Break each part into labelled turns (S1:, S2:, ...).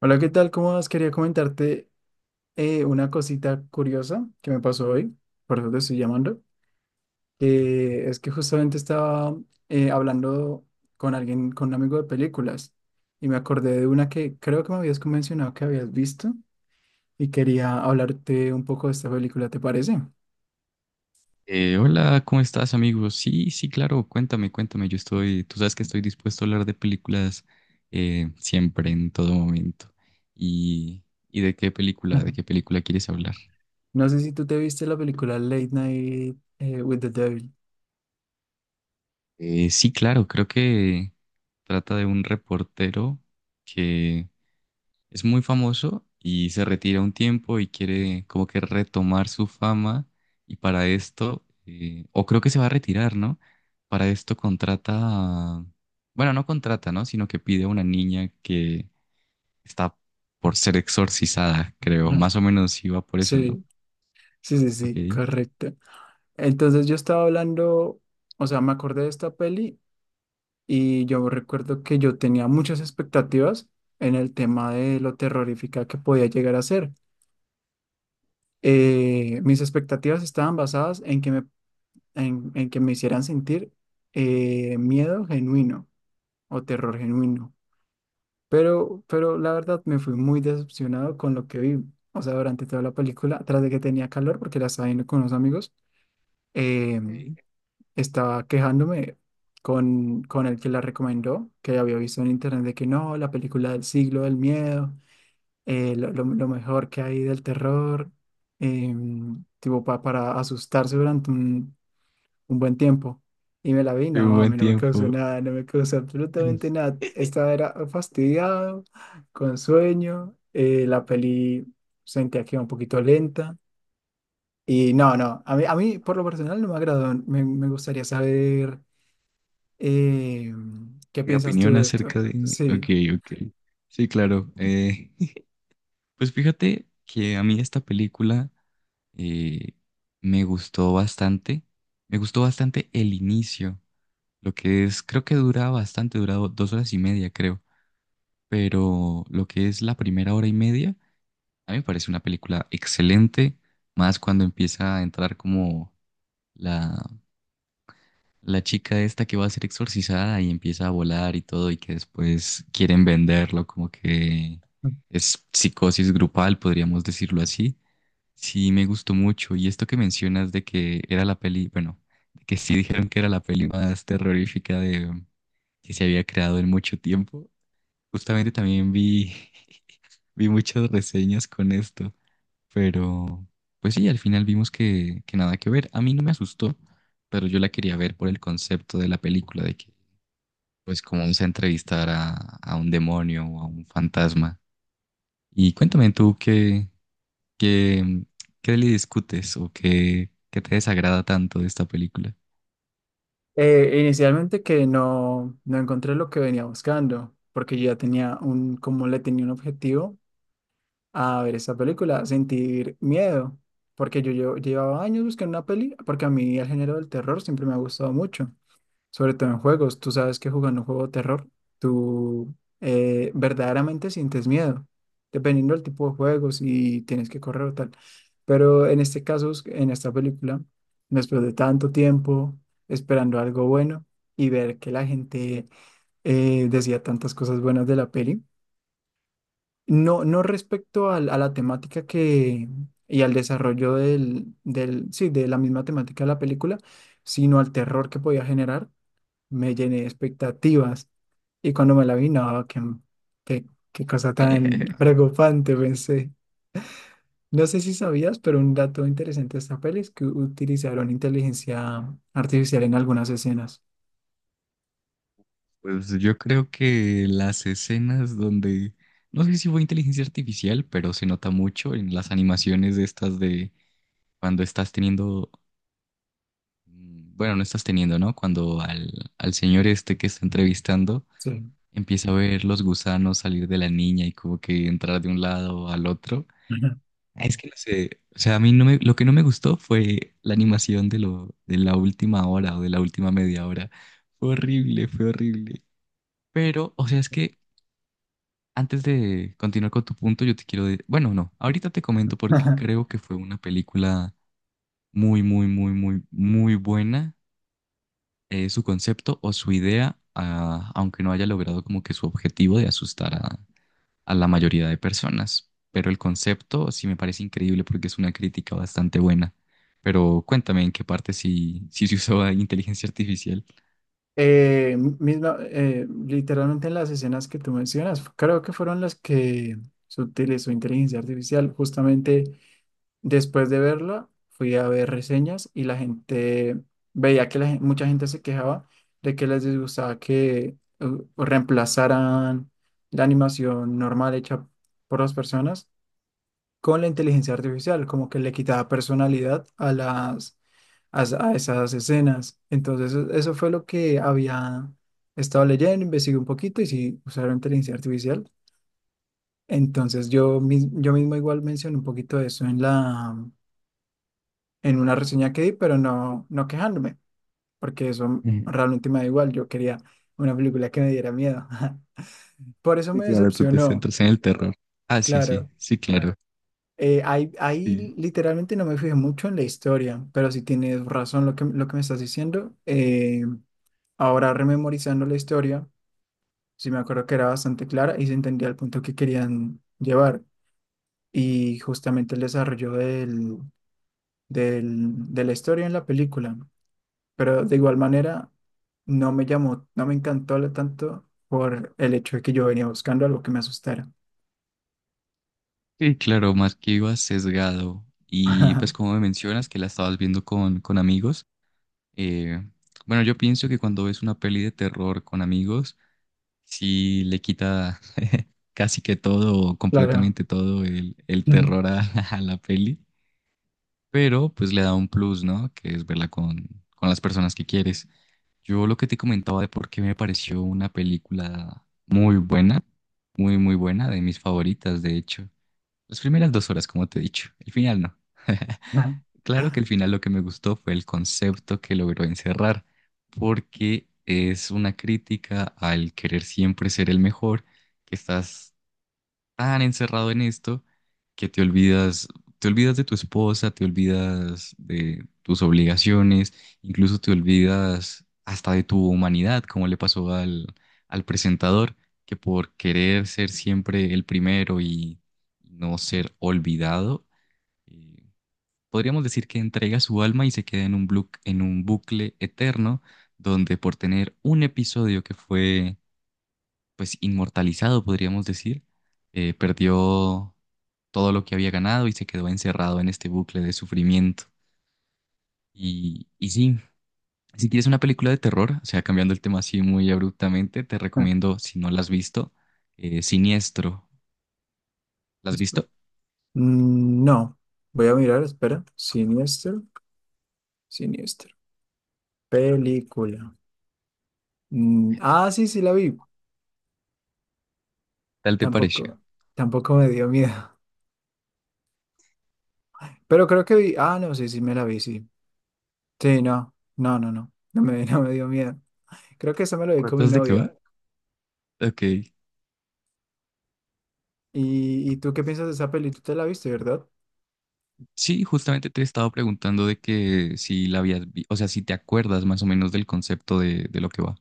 S1: Hola, ¿qué tal? ¿Cómo vas? Quería comentarte una cosita curiosa que me pasó hoy, por eso te estoy llamando. Que es que justamente estaba hablando con alguien, con un amigo de películas, y me acordé de una que creo que me habías mencionado que habías visto, y quería hablarte un poco de esta película, ¿te parece?
S2: Hola, ¿cómo estás, amigo? Sí, sí, claro, cuéntame, cuéntame. Tú sabes que estoy dispuesto a hablar de películas, siempre, en todo momento. ¿Y, y
S1: Ajá.
S2: de qué película quieres hablar?
S1: No sé si tú te viste la película Late Night with the Devil.
S2: Sí, claro, creo que trata de un reportero que es muy famoso y se retira un tiempo y quiere como que retomar su fama. Y para esto, o creo que se va a retirar, ¿no? Para esto contrata, bueno, no contrata, ¿no? Sino que pide a una niña que está por ser exorcizada, creo.
S1: Ajá.
S2: Más o menos iba por eso, ¿no?
S1: Sí, sí, sí,
S2: Ok.
S1: sí, correcto. Entonces yo estaba hablando, o sea, me acordé de esta peli. Y yo recuerdo que yo tenía muchas expectativas en el tema de lo terrorífica que podía llegar a ser. Mis expectativas estaban basadas en que me, en que me hicieran sentir miedo genuino o terror genuino. Pero la verdad me fui muy decepcionado con lo que vi. O sea, durante toda la película, tras de que tenía calor porque la estaba viendo con unos amigos, eh,
S2: Ok.
S1: estaba quejándome con el que la recomendó, que había visto en internet de que no, la película del siglo del miedo, lo mejor que hay del terror, tipo para asustarse durante un buen tiempo. Y me la vi, no,
S2: Un
S1: a
S2: buen
S1: mí no me causó
S2: tiempo.
S1: nada, no me causó absolutamente nada. Estaba era fastidiado, con sueño, la peli sentía que iba un poquito lenta. Y no, no, a mí por lo personal no me agradó. Me gustaría saber eh, ¿qué
S2: Mi
S1: piensas tú
S2: opinión
S1: de esto?
S2: acerca de... Ok,
S1: Sí.
S2: ok. Sí, claro. Pues fíjate que a mí esta película eh, me gustó bastante. Me gustó bastante el inicio, lo que es, creo que dura bastante, dura 2 horas y media, creo. Pero lo que es la primera hora y media, a mí me parece una película excelente, más cuando empieza a entrar como la, la chica esta que va a ser exorcizada y empieza a volar y todo, y que después quieren venderlo, como que es psicosis grupal, podríamos decirlo así. Sí, me gustó mucho. Y esto que mencionas de que era la peli, bueno, de que sí dijeron que era la peli más terrorífica que se había creado en mucho tiempo. Justamente también vi, vi muchas reseñas con esto, pero pues sí, al final vimos que nada que ver. A mí no me asustó, pero yo la quería ver por el concepto de la película, de que pues como vamos a entrevistar a un demonio o a un fantasma. Y cuéntame tú ¿Qué, qué le discutes o qué te desagrada tanto de esta película?
S1: Inicialmente que no, no encontré lo que venía buscando, porque yo ya tenía un, como le tenía un objetivo a ver esa película, sentir miedo, porque yo llevaba años buscando una peli, porque a mí el género del terror siempre me ha gustado mucho. Sobre todo en juegos. Tú sabes que jugando un juego de terror, tú verdaderamente sientes miedo, dependiendo del tipo de juegos y tienes que correr o tal. Pero en este caso, en esta película, después de tanto tiempo esperando algo bueno y ver que la gente decía tantas cosas buenas de la peli, no, no respecto a la temática que... y al desarrollo sí, de la misma temática de la película, sino al terror que podía generar me llené de expectativas. Y cuando me la vi, no, qué, qué, qué cosa tan preocupante, pensé. No sé si sabías, pero un dato interesante de esta peli es que utilizaron inteligencia artificial en algunas escenas.
S2: Pues yo creo que las escenas donde, no sé si fue inteligencia artificial, pero se nota mucho en las animaciones de estas de cuando estás teniendo, bueno, no estás teniendo, ¿no? Cuando al señor este que está entrevistando
S1: Sí.
S2: empieza a ver los gusanos salir de la niña y como que entrar de un lado al otro. Es que no sé, o sea, a mí no me, lo que no me gustó fue la animación de de la última hora o de la última media hora. Fue horrible, fue horrible. Pero, o sea, es que antes de continuar con tu punto, yo te quiero decir, bueno, no, ahorita te comento porque
S1: Ajá.
S2: creo que fue una película muy, muy, muy, muy, muy buena, su concepto o su idea, ah, aunque no haya logrado como que su objetivo de asustar a la mayoría de personas. Pero el concepto sí me parece increíble porque es una crítica bastante buena. Pero cuéntame en qué parte sí, sí se usó la inteligencia artificial.
S1: Literalmente en las escenas que tú mencionas, creo que fueron las que se utilizó inteligencia artificial. Justamente después de verla, fui a ver reseñas y la gente veía que mucha gente se quejaba de que les disgustaba que reemplazaran la animación normal hecha por las personas con la inteligencia artificial, como que le quitaba personalidad a las a, a esas escenas. Entonces, eso fue lo que había estado leyendo, investigué un poquito y sí usaron inteligencia artificial. Entonces, yo, yo mismo igual mencioné un poquito de eso en la en una reseña que di, pero no, no quejándome, porque eso
S2: Ujú.
S1: realmente me da igual. Yo quería una película que me diera miedo. Por eso
S2: Sí,
S1: me
S2: claro, tú te
S1: decepcionó,
S2: centras en el terror. Ah, sí, sí,
S1: claro.
S2: sí, claro.
S1: Ahí,
S2: Sí,
S1: ahí literalmente no me fijé mucho en la historia, pero si tienes razón lo que me estás diciendo. Ahora rememorizando la historia, sí me acuerdo que era bastante clara y se entendía el punto que querían llevar. Y justamente el desarrollo de la historia en la película. Pero de igual manera no me llamó, no me encantó lo tanto por el hecho de que yo venía buscando algo que me asustara.
S2: sí, claro, más que iba sesgado. Y pues como me mencionas que la estabas viendo con amigos, eh, bueno, yo pienso que cuando ves una peli de terror con amigos, sí le quita casi que todo, o
S1: Claro.
S2: completamente todo el terror a, a la peli, pero pues le da un plus, ¿no? Que es verla con las personas que quieres. Yo lo que te comentaba de por qué me pareció una película muy buena, muy, muy buena, de mis favoritas, de hecho. Las primeras 2 horas, como te he dicho, el final no. Claro que el final lo que me gustó fue el concepto que logró encerrar, porque es una crítica al querer siempre ser el mejor, que estás tan encerrado en esto que te olvidas de tu esposa, te olvidas de tus obligaciones, incluso te olvidas hasta de tu humanidad, como le pasó al presentador, que por querer ser siempre el primero y no ser olvidado, eh, podríamos decir que entrega su alma y se queda en en un bucle eterno, donde por tener un episodio que fue pues inmortalizado, podríamos decir, perdió todo lo que había ganado y se quedó encerrado en este bucle de sufrimiento. Y sí, si quieres una película de terror, o sea, cambiando el tema así muy abruptamente, te recomiendo, si no la has visto, Siniestro. ¿La has
S1: Esp-
S2: visto? ¿Qué
S1: No, voy a mirar, espera. Siniestro, siniestro. Película. Mm, ah, sí, sí la vi.
S2: ¿Tal te pareció?
S1: Tampoco, tampoco me dio miedo. Pero creo que vi. Ah, no, sí, sí me la vi, sí. Sí, no, no, no, no. No me, no me dio miedo. Creo que esa me la vi con mi
S2: ¿Entonces de qué
S1: novia.
S2: va? Ok.
S1: Y tú qué piensas de esa peli? Tú te la viste, ¿verdad?
S2: Sí, justamente te he estado preguntando de que si la habías, o sea, si te acuerdas más o menos del concepto de lo que va.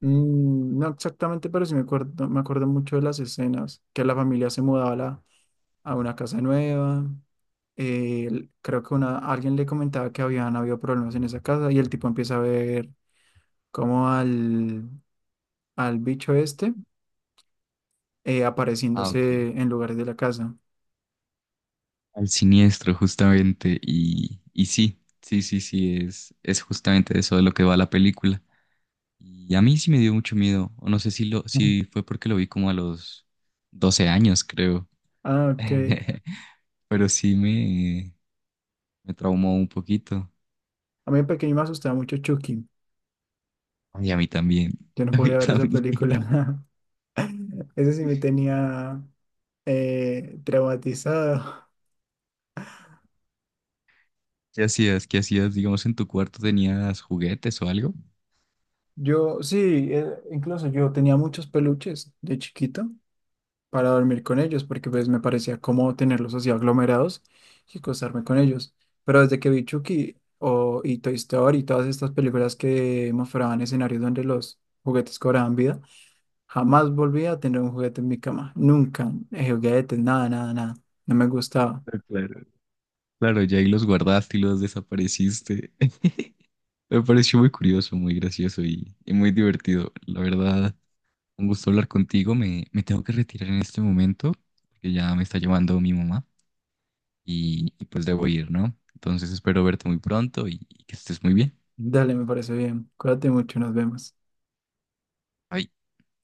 S1: Mm, no exactamente, pero sí me acuerdo mucho de las escenas, que la familia se mudaba a, a una casa nueva, creo que una, alguien le comentaba que habían habido problemas en esa casa y el tipo empieza a ver como al, al bicho este
S2: Ah, ok.
S1: apareciéndose en lugares de la casa.
S2: Al siniestro, justamente. Y sí, sí, sí, sí, es justamente de eso de lo que va la película. Y a mí sí me dio mucho miedo, o no sé
S1: Ujú.
S2: si fue porque lo vi como a los 12 años, creo.
S1: Ah, ok.
S2: Pero sí me traumó un poquito.
S1: A mí de pequeño me asustaba mucho Chucky,
S2: Y a mí también.
S1: yo no
S2: A mí
S1: podía ver esa
S2: también.
S1: película. Ese sí me tenía traumatizado.
S2: ¿Qué hacías? ¿Qué hacías? Digamos, en tu cuarto tenías juguetes o algo.
S1: Yo, sí, incluso yo tenía muchos peluches de chiquito para dormir con ellos, porque pues me parecía cómodo tenerlos así aglomerados y acostarme con ellos. Pero desde que vi Chucky o, y Toy Story y todas estas películas que mostraban escenarios donde los juguetes cobraban vida, jamás volví a tener un juguete en mi cama. Nunca. Juguetes, nada, nada, nada. No me gustaba.
S2: Ah, claro. Claro, ya ahí los guardaste y los desapareciste. Me pareció muy curioso, muy gracioso y muy divertido. La verdad, un gusto hablar contigo. Me tengo que retirar en este momento, porque ya me está llamando mi mamá. Y pues debo ir, ¿no? Entonces espero verte muy pronto y que estés muy bien.
S1: Dale, me parece bien. Cuídate mucho, nos vemos.
S2: Bye.